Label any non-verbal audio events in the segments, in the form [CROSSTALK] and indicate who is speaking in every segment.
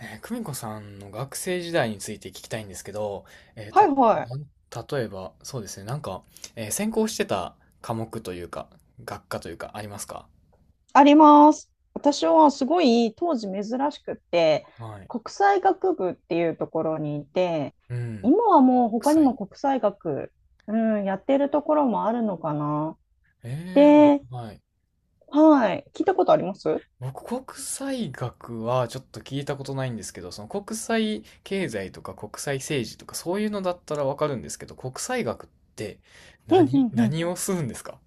Speaker 1: 久美子さんの学生時代について聞きたいんですけど、えー
Speaker 2: は
Speaker 1: た、
Speaker 2: いは
Speaker 1: な
Speaker 2: い。
Speaker 1: ん例えば、そうですね、なんか、専攻してた科目というか、学科というか、ありますか？
Speaker 2: あります。私はすごい当時珍しくって、
Speaker 1: はい。
Speaker 2: 国際学部っていうところにいて、
Speaker 1: うん。
Speaker 2: 今はもう
Speaker 1: 国
Speaker 2: 他に
Speaker 1: 際。
Speaker 2: も国際学、うん、やってるところもあるのかな。
Speaker 1: えー、ぼ
Speaker 2: で、
Speaker 1: はい。
Speaker 2: はい。聞いたことあります？
Speaker 1: 僕、国際学はちょっと聞いたことないんですけど、その国際経済とか国際政治とか、そういうのだったらわかるんですけど、国際学って
Speaker 2: うんう
Speaker 1: 何、
Speaker 2: んうん。
Speaker 1: 何をするんですか？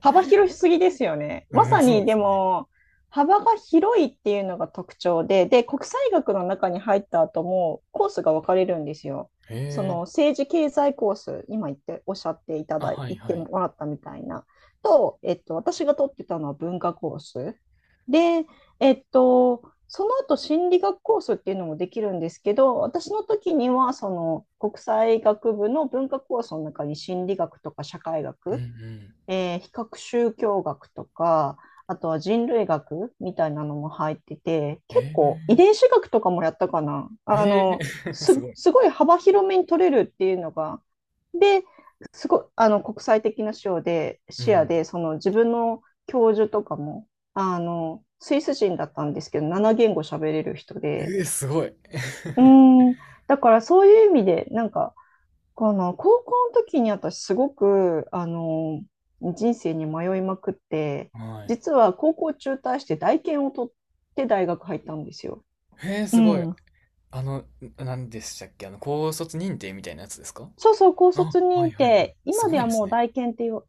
Speaker 2: 幅 広すぎですよね。
Speaker 1: う
Speaker 2: ま
Speaker 1: ん、
Speaker 2: さ
Speaker 1: そう
Speaker 2: に
Speaker 1: で
Speaker 2: で
Speaker 1: すね。
Speaker 2: も、幅が広いっていうのが特徴で、で、国際学の中に入った後もコースが分かれるんですよ。
Speaker 1: え
Speaker 2: その
Speaker 1: ー、
Speaker 2: 政治経済コース、今言っておっしゃっていた
Speaker 1: あ、
Speaker 2: だい
Speaker 1: はい
Speaker 2: 言って
Speaker 1: はい。
Speaker 2: もらったみたいな、と、私が取ってたのは文化コース。で、えっと、その後心理学コースっていうのもできるんですけど、私の時にはその国際学部の文化コースの中に心理学とか社会
Speaker 1: うんう
Speaker 2: 学、
Speaker 1: ん。
Speaker 2: 比較宗教学とか、あとは人類学みたいなのも入ってて、結
Speaker 1: え
Speaker 2: 構遺伝子学とかもやったかな。
Speaker 1: ー、え[LAUGHS] すごい。
Speaker 2: ごい幅広めに取れるっていうのが、で、すごい、国際的な視野で、
Speaker 1: うん。
Speaker 2: その自分の教授とかも、スイス人だったんですけど、7言語喋れる人で、
Speaker 1: すごい。[LAUGHS]
Speaker 2: うーん、だからそういう意味で、この高校の時に私すごく人生に迷いまくって
Speaker 1: はい。
Speaker 2: 実は高校中退して大研を取って大学入ったんですよ。う
Speaker 1: すごい。
Speaker 2: ん。
Speaker 1: あの、なんでしたっけ？あの、高卒認定みたいなやつですか？
Speaker 2: そうそう高
Speaker 1: あ、
Speaker 2: 卒
Speaker 1: は
Speaker 2: 認
Speaker 1: いはいはい。
Speaker 2: 定
Speaker 1: す
Speaker 2: 今で
Speaker 1: ごい
Speaker 2: は
Speaker 1: です
Speaker 2: もう
Speaker 1: ね。
Speaker 2: 大研っていう。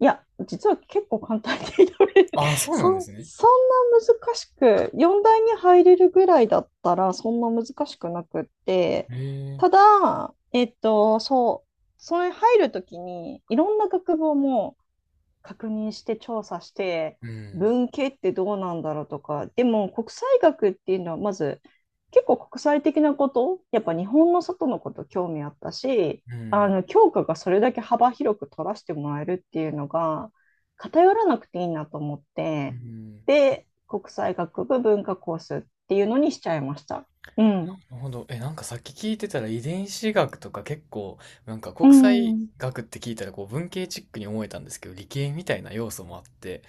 Speaker 2: いや実は結構簡単に取れる。
Speaker 1: ああ、
Speaker 2: [LAUGHS]
Speaker 1: そうなんですね。
Speaker 2: そんな難しく4大に入れるぐらいだったらそんな難しくなくって、
Speaker 1: えー、
Speaker 2: ただそう、それ入る時にいろんな学部を確認して調査して、
Speaker 1: うん、
Speaker 2: 文系ってどうなんだろうとか、でも国際学っていうのはまず結構国際的なこと、やっぱ日本の外のこと興味あったし、
Speaker 1: う
Speaker 2: あ
Speaker 1: ん、
Speaker 2: の教科がそれだけ幅広く取らせてもらえるっていうのが偏らなくていいなと思っ
Speaker 1: う
Speaker 2: て、
Speaker 1: ん。
Speaker 2: で、国際学部文化コースっていうのにしちゃいました。うん。
Speaker 1: なるほど。え、なんかさっき聞いてたら遺伝子学とか結構、なんか
Speaker 2: う
Speaker 1: 国際
Speaker 2: ん。
Speaker 1: 学って聞いたらこう文系チックに思えたんですけど、理系みたいな要素もあって、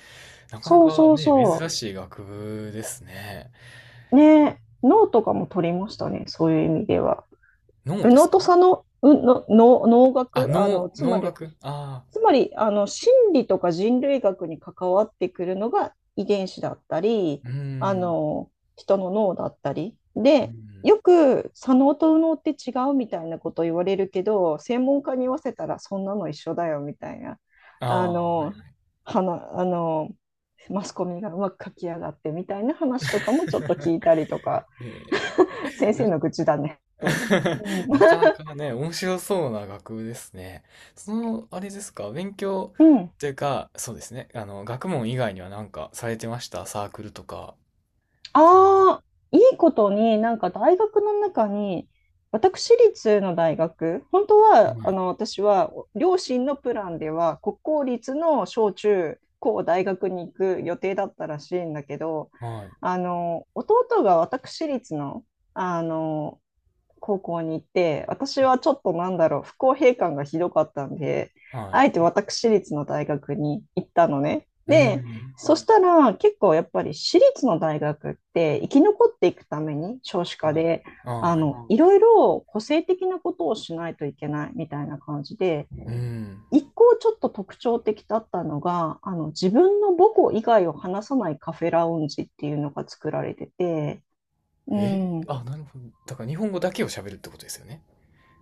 Speaker 1: なかな
Speaker 2: そう
Speaker 1: か
Speaker 2: そう
Speaker 1: ね、珍
Speaker 2: そ
Speaker 1: しい学部ですね。
Speaker 2: う。ね、ノートとかも取りましたね、そういう意味では。
Speaker 1: 脳
Speaker 2: 右
Speaker 1: で
Speaker 2: 脳
Speaker 1: すか？
Speaker 2: と左脳、の脳、脳
Speaker 1: あ、
Speaker 2: 学、
Speaker 1: 農
Speaker 2: つま
Speaker 1: 農
Speaker 2: り、
Speaker 1: 学ああ
Speaker 2: 心理とか人類学に関わってくるのが遺伝子だったり、
Speaker 1: ー、うー
Speaker 2: あ
Speaker 1: ん、
Speaker 2: の、人の脳だったり。
Speaker 1: う
Speaker 2: で、
Speaker 1: ん。
Speaker 2: よく左脳と右脳って違うみたいなこと言われるけど、専門家に言わせたらそんなの一緒だよみたいな、
Speaker 1: あ
Speaker 2: あ
Speaker 1: あ、は
Speaker 2: の、
Speaker 1: い。
Speaker 2: はな、あの、マスコミがうまく書き上がってみたいな話とかもちょっと聞いたりとか、
Speaker 1: え
Speaker 2: 先
Speaker 1: ー、
Speaker 2: 生
Speaker 1: [LAUGHS]
Speaker 2: の愚痴だね。うん。
Speaker 1: なかなかね、面白そうな学部ですね。その、あれですか、勉強
Speaker 2: うん。
Speaker 1: っていうか、そうですね、あの、学問以外にはなんかされてました？サークルとか。そう
Speaker 2: ああ、いいことに、なんか大学の中に、私立の大学、本当
Speaker 1: いう
Speaker 2: は、
Speaker 1: のはい、
Speaker 2: 私は、両親のプランでは、国公立の小中高大学に行く予定だったらしいんだけど、
Speaker 1: はい、
Speaker 2: 弟が私立の、あの、高校に行って、私はちょっとなんだろう、不公平感がひどかったんで、
Speaker 1: は
Speaker 2: あえ
Speaker 1: い。
Speaker 2: て私立の大学に行ったのね。
Speaker 1: う
Speaker 2: で、
Speaker 1: ん、
Speaker 2: そしたら結構やっぱり私立の大学って生き残っていくために少子化
Speaker 1: はい、
Speaker 2: で、
Speaker 1: はい。
Speaker 2: いろいろ個性的なことをしないといけないみたいな感じで、
Speaker 1: うん。
Speaker 2: 一個ちょっと特徴的だったのが、自分の母校以外を話さないカフェラウンジっていうのが作られてて、うん。
Speaker 1: あ、なるほど。だから日本語だけを喋るってことですよね。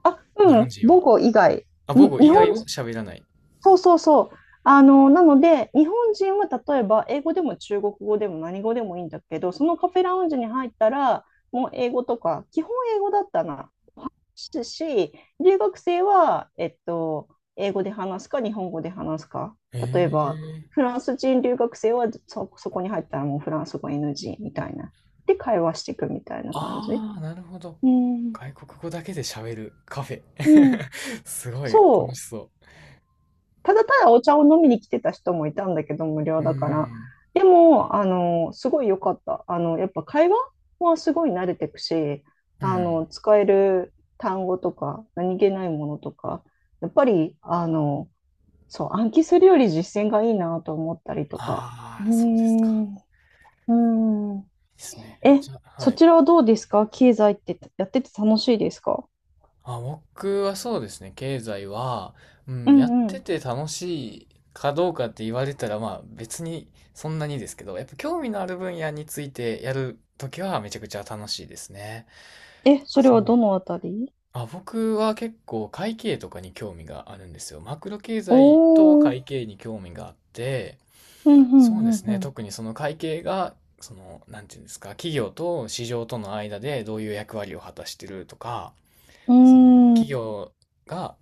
Speaker 2: あ、
Speaker 1: 日
Speaker 2: う
Speaker 1: 本
Speaker 2: ん、
Speaker 1: 人
Speaker 2: 母
Speaker 1: は。
Speaker 2: 語以外。
Speaker 1: あ、母
Speaker 2: に
Speaker 1: 語
Speaker 2: 日
Speaker 1: 以外
Speaker 2: 本、
Speaker 1: を喋らない。
Speaker 2: そうそうそう。なので、日本人は例えば、英語でも中国語でも何語でもいいんだけど、そのカフェラウンジに入ったら、もう英語とか、基本英語だったな。話すし、留学生は、英語で話すか、日本語で話すか。
Speaker 1: え
Speaker 2: 例えば、
Speaker 1: え、
Speaker 2: フランス人留学生はそこに入ったらもうフランス語 NG みたいな。で、会話していくみたいな感じ。
Speaker 1: ああ、なるほど。
Speaker 2: うん。
Speaker 1: 外国語だけで喋るカフェ。
Speaker 2: うん。
Speaker 1: [LAUGHS] すごい楽
Speaker 2: そ
Speaker 1: し
Speaker 2: う。
Speaker 1: そ
Speaker 2: ただただお茶を飲みに来てた人もいたんだけど、無料
Speaker 1: う。うー
Speaker 2: だから。
Speaker 1: ん。
Speaker 2: でも、すごい良かった。やっぱ会話はすごい慣れてくし、
Speaker 1: うん。
Speaker 2: 使える単語とか、何気ないものとか、やっぱり、そう、暗記するより実践がいいなと思ったりとか。う
Speaker 1: あ
Speaker 2: ー
Speaker 1: あ、そうですか。
Speaker 2: ん、うーん。
Speaker 1: いいですね。
Speaker 2: え、
Speaker 1: じゃあ、は
Speaker 2: そ
Speaker 1: い。
Speaker 2: ちらはどうですか？経済ってやってて楽しいですか？
Speaker 1: あ、僕はそうですね。経済は、う
Speaker 2: う
Speaker 1: ん、やっ
Speaker 2: んう
Speaker 1: て
Speaker 2: ん。
Speaker 1: て楽しいかどうかって言われたら、まあ別にそんなにですけど、やっぱ興味のある分野についてやるときはめちゃくちゃ楽しいですね。
Speaker 2: え、それ
Speaker 1: そ
Speaker 2: は
Speaker 1: う
Speaker 2: どのあたり？
Speaker 1: あ、僕は結構会計とかに興味があるんですよ。マクロ経済と
Speaker 2: おー、
Speaker 1: 会計に興味があって、
Speaker 2: うんう
Speaker 1: そうで
Speaker 2: ん
Speaker 1: す
Speaker 2: う
Speaker 1: ね。
Speaker 2: ん。
Speaker 1: 特にその会計が、その、なんていうんですか、企業と市場との間でどういう役割を果たしてるとか、
Speaker 2: う
Speaker 1: その
Speaker 2: ー
Speaker 1: 企
Speaker 2: ん。
Speaker 1: 業が、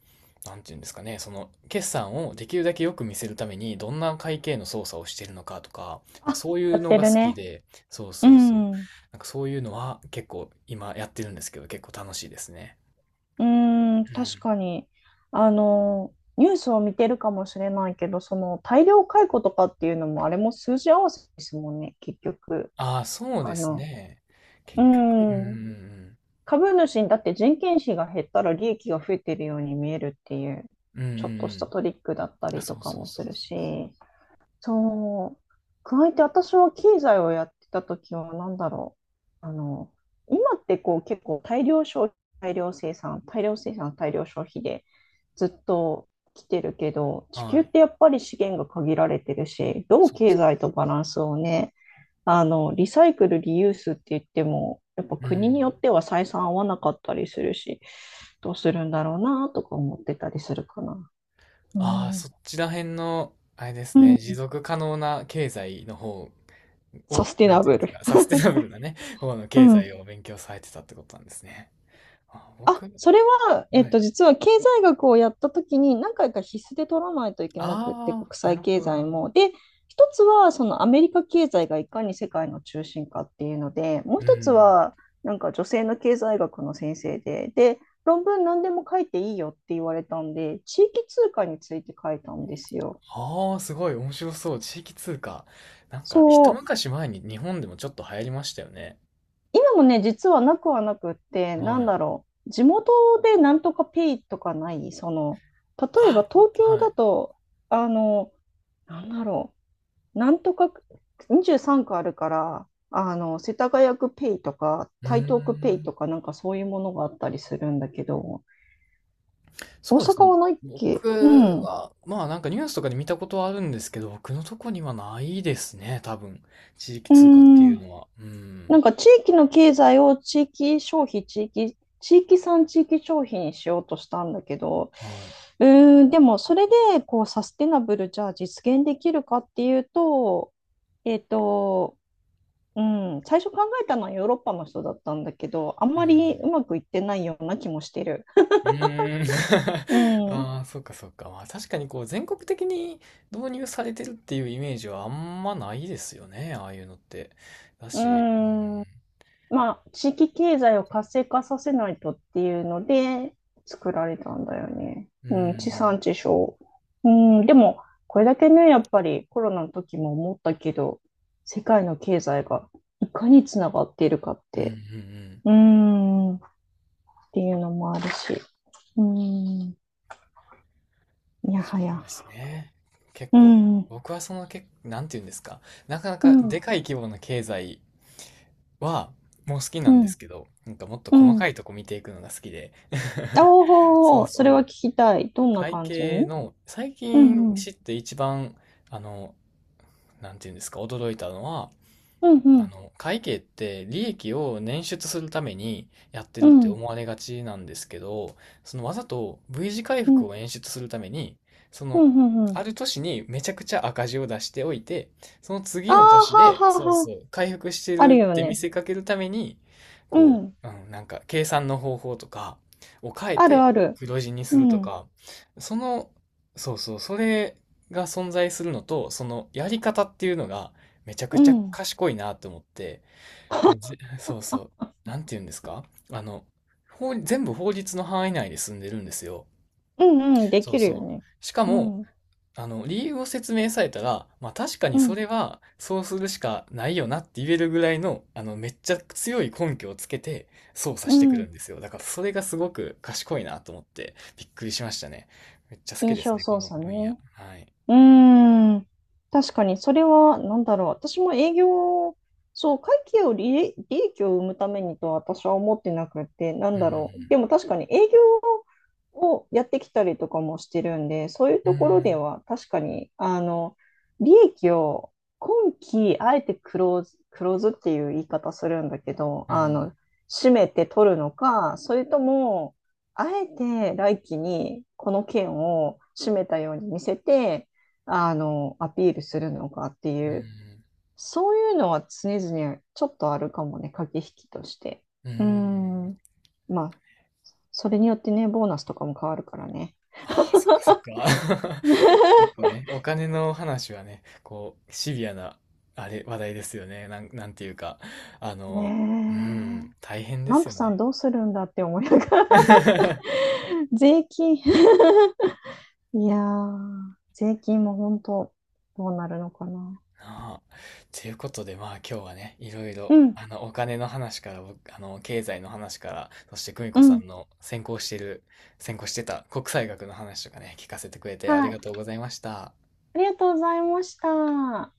Speaker 1: なんていうんですかね、その決算をできるだけよく見せるためにどんな会計の操作をしてるのかとか、
Speaker 2: あ、
Speaker 1: まあそうい
Speaker 2: や
Speaker 1: う
Speaker 2: っ
Speaker 1: の
Speaker 2: て
Speaker 1: が
Speaker 2: る
Speaker 1: 好き
Speaker 2: ね。
Speaker 1: で、そう
Speaker 2: う
Speaker 1: そうそう。
Speaker 2: ん。う
Speaker 1: なんかそういうのは結構今やってるんですけど、結構楽しいですね。
Speaker 2: ーん、確かに。ニュースを見てるかもしれないけど、その大量解雇とかっていうのも、あれも数字合わせですもんね、結局。
Speaker 1: ああ、そうで
Speaker 2: あ
Speaker 1: す
Speaker 2: の、
Speaker 1: ね。
Speaker 2: う
Speaker 1: 結局、う
Speaker 2: ん。
Speaker 1: ん
Speaker 2: 株主にだって人件費が減ったら利益が増えてるように見えるっていう、
Speaker 1: うんうん。うんう
Speaker 2: ちょっ
Speaker 1: ん
Speaker 2: と
Speaker 1: う
Speaker 2: し
Speaker 1: ん。
Speaker 2: たトリックだった
Speaker 1: あ、
Speaker 2: り
Speaker 1: そ
Speaker 2: と
Speaker 1: う
Speaker 2: か
Speaker 1: そう
Speaker 2: も
Speaker 1: そ
Speaker 2: す
Speaker 1: う
Speaker 2: る
Speaker 1: そ
Speaker 2: し。そう。加えて私は経済をやってた時は何だろう。今ってこう結構大量消費、大量生産、大量消費でずっと来てるけど、
Speaker 1: う。
Speaker 2: 地球
Speaker 1: は
Speaker 2: っ
Speaker 1: い。
Speaker 2: てやっぱり資源が限られてるし、どう
Speaker 1: そうで
Speaker 2: 経
Speaker 1: す。
Speaker 2: 済とバランスをね、リサイクル、リユースって言っても、やっぱ
Speaker 1: う
Speaker 2: 国によ
Speaker 1: ん。
Speaker 2: っては採算合わなかったりするし、どうするんだろうなとか思ってたりするかな。う
Speaker 1: ああ、
Speaker 2: ん、
Speaker 1: そっちら辺の、あれです
Speaker 2: うん。
Speaker 1: ね、持続可能な経済の方
Speaker 2: サ
Speaker 1: を、
Speaker 2: スティ
Speaker 1: なん
Speaker 2: ナ
Speaker 1: ていう
Speaker 2: ブ
Speaker 1: んです
Speaker 2: ル。
Speaker 1: か、サステナブルなね、方の
Speaker 2: う
Speaker 1: 経
Speaker 2: ん。
Speaker 1: 済を勉強されてたってことなんですね。あ、
Speaker 2: あ、
Speaker 1: 僕、
Speaker 2: それは、
Speaker 1: はい。
Speaker 2: 実は経済学をやったときに何回か必須で取らないといけなくって、
Speaker 1: あ
Speaker 2: 国
Speaker 1: あ、な
Speaker 2: 際
Speaker 1: る
Speaker 2: 経
Speaker 1: ほど、なる
Speaker 2: 済
Speaker 1: ほど。
Speaker 2: も。で、一つはそのアメリカ経済がいかに世界の中心かっていうので、もう
Speaker 1: う
Speaker 2: 一つ
Speaker 1: ん。
Speaker 2: はなんか女性の経済学の先生で、で、論文何でも書いていいよって言われたんで、地域通貨について書いたんですよ。
Speaker 1: ああ、すごい、面白そう。地域通貨。なんか、一
Speaker 2: そう、
Speaker 1: 昔前に日本でもちょっと流行りましたよね。
Speaker 2: 今もね、実はなくはなくって、な
Speaker 1: は
Speaker 2: ん
Speaker 1: い。
Speaker 2: だろう、地元でなんとかペイとかない、その、例えば
Speaker 1: あ、
Speaker 2: 東京
Speaker 1: は
Speaker 2: だ
Speaker 1: い。
Speaker 2: と、あの、なんだろう、なんとか23区あるから、世田谷区ペイとか、
Speaker 1: うー
Speaker 2: 台東区ペイ
Speaker 1: ん。
Speaker 2: とか、なんかそういうものがあったりするんだけど、大
Speaker 1: そうです
Speaker 2: 阪
Speaker 1: ね。
Speaker 2: はないっけ？
Speaker 1: 僕
Speaker 2: うん。う
Speaker 1: は、まあなんかニュースとかで見たことはあるんですけど、僕のとこにはないですね、多分。地域
Speaker 2: ー
Speaker 1: 通貨ってい
Speaker 2: ん。
Speaker 1: うのは。う
Speaker 2: な
Speaker 1: ん。
Speaker 2: んか地域の経済を地域消費、地域産地域消費にしようとしたんだけど、
Speaker 1: は
Speaker 2: うーん、でもそれでこうサステナブルじゃあ実現できるかっていうと、えっと、うん、最初考えたのはヨーロッパの人だったんだけど、あん
Speaker 1: い。
Speaker 2: ま
Speaker 1: うん。
Speaker 2: りうまくいってないような気もしてる。
Speaker 1: うーん。
Speaker 2: う
Speaker 1: [LAUGHS]
Speaker 2: ん、う
Speaker 1: ああ、そうかそうか。まあ確かにこう全国的に導入されてるっていうイメージはあんまないですよね、ああいうのって。だし、
Speaker 2: ん。まあ、地域経済を活性化させないとっていうので作られたんだよね。
Speaker 1: うん。う
Speaker 2: うん、地
Speaker 1: ん。
Speaker 2: 産地消。うん、でも、これだけね、やっぱりコロナの時も思ったけど、世界の経済がいかにつながっているかっ
Speaker 1: うん。うん。う
Speaker 2: て、
Speaker 1: ん、
Speaker 2: っていうのもあるし、うん、や
Speaker 1: そ
Speaker 2: は
Speaker 1: う
Speaker 2: や、
Speaker 1: ですね。結
Speaker 2: う
Speaker 1: 構、
Speaker 2: ん、うん、
Speaker 1: 僕はそのけ、なんていうんですか、なかなかでかい規模の経済は、もう好きな
Speaker 2: う
Speaker 1: んで
Speaker 2: ん、
Speaker 1: すけど、なんかもっと
Speaker 2: う
Speaker 1: 細か
Speaker 2: ん。
Speaker 1: いとこ見ていくのが好きで。[LAUGHS] そ
Speaker 2: お
Speaker 1: う
Speaker 2: お、それ
Speaker 1: そ
Speaker 2: は聞
Speaker 1: う。
Speaker 2: きたい。どんな
Speaker 1: 会
Speaker 2: 感じ
Speaker 1: 計
Speaker 2: に？
Speaker 1: の、最
Speaker 2: うん、
Speaker 1: 近
Speaker 2: うん、
Speaker 1: 知って一番、あの、なんていうんですか、驚いたのは、
Speaker 2: うん、う
Speaker 1: あ
Speaker 2: ん、
Speaker 1: の、会計って利益を捻出するためにやって
Speaker 2: う
Speaker 1: るって
Speaker 2: ん、
Speaker 1: 思われがちなんですけど、そのわざと V 字回
Speaker 2: う
Speaker 1: 復
Speaker 2: ん、
Speaker 1: を演出するために、そ
Speaker 2: う
Speaker 1: の、
Speaker 2: ん、う
Speaker 1: あ
Speaker 2: ん、
Speaker 1: る年にめちゃくちゃ赤字を出しておいて、その
Speaker 2: あ
Speaker 1: 次
Speaker 2: あ、
Speaker 1: の年で、
Speaker 2: はあ、は
Speaker 1: そう
Speaker 2: あ、は
Speaker 1: そう、回復して
Speaker 2: あ。ある
Speaker 1: るっ
Speaker 2: よ
Speaker 1: て見
Speaker 2: ね。
Speaker 1: せかけるために、
Speaker 2: う
Speaker 1: こ
Speaker 2: ん。
Speaker 1: う、うん、なんか計算の方法とかを変え
Speaker 2: ある
Speaker 1: て
Speaker 2: ある。
Speaker 1: 黒字にす
Speaker 2: う
Speaker 1: ると
Speaker 2: ん。
Speaker 1: か、その、そうそう、それが存在するのと、そのやり方っていうのが、めちゃく
Speaker 2: う
Speaker 1: ちゃ
Speaker 2: ん。
Speaker 1: 賢いなと思って、もうぜ [LAUGHS] そうそう、なんて言うんですか？あの、全部法律の範囲内で住んでるんですよ。
Speaker 2: うんうん。で
Speaker 1: そう
Speaker 2: きるよ
Speaker 1: そう。
Speaker 2: ね。
Speaker 1: しか
Speaker 2: う
Speaker 1: も、
Speaker 2: ん。
Speaker 1: あの、理由を説明されたら、まあ確かに
Speaker 2: う
Speaker 1: そ
Speaker 2: ん。
Speaker 1: れはそうするしかないよなって言えるぐらいの、あの、めっちゃ強い根拠をつけて操作
Speaker 2: う
Speaker 1: してくる
Speaker 2: ん。
Speaker 1: んですよ。だからそれがすごく賢いなと思ってびっくりしましたね。めっちゃ好き
Speaker 2: 印
Speaker 1: です
Speaker 2: 象
Speaker 1: ね、こ
Speaker 2: 操
Speaker 1: の
Speaker 2: 作
Speaker 1: 分野。
Speaker 2: ね。
Speaker 1: はい。
Speaker 2: うーん。確かに、それは、なんだろう。私も営業、そう、会計を利益、利益を生むためにとは私は思ってなくて、な
Speaker 1: う
Speaker 2: んだろう。で
Speaker 1: ん、
Speaker 2: も確かに営業をやってきたりとかもしてるんで、そういう
Speaker 1: う
Speaker 2: ところで
Speaker 1: ん、
Speaker 2: は確かに、利益を今期、あえてクローズ、クローズっていう言い方するんだけど、
Speaker 1: うん、
Speaker 2: 締めて取るのか、それとも、あえて来期にこの件を締めたように見せて、アピールするのかっていう、そういうのは常々ちょっとあるかもね、駆け引きとして。
Speaker 1: うん、う
Speaker 2: うー
Speaker 1: ん。
Speaker 2: ん。まあ、それによってね、ボーナスとかも変わるからね。
Speaker 1: ああ、そっかそっか。[LAUGHS] 結構ね、お金の話はね、こう、シビアな、あれ、話題ですよね。なんていうか、あ
Speaker 2: ね
Speaker 1: の、う
Speaker 2: え。
Speaker 1: ん、大変
Speaker 2: ト
Speaker 1: で
Speaker 2: ラン
Speaker 1: す
Speaker 2: プ
Speaker 1: よ
Speaker 2: さん
Speaker 1: ね。
Speaker 2: どうするんだって思いながら、
Speaker 1: [LAUGHS]
Speaker 2: [LAUGHS] 税金。 [LAUGHS] いやー、税金も本当どうなるのかな。
Speaker 1: なあ。ということで、まあ今日はね、いろいろ、
Speaker 2: うん、
Speaker 1: あの、お金の話から、僕あの、経済の話から、そして久美
Speaker 2: う
Speaker 1: 子さ
Speaker 2: ん。
Speaker 1: んの専攻してた国際学の話とかね、聞かせてくれてあり
Speaker 2: は
Speaker 1: が
Speaker 2: い。
Speaker 1: とうございました。
Speaker 2: ありがとうございました。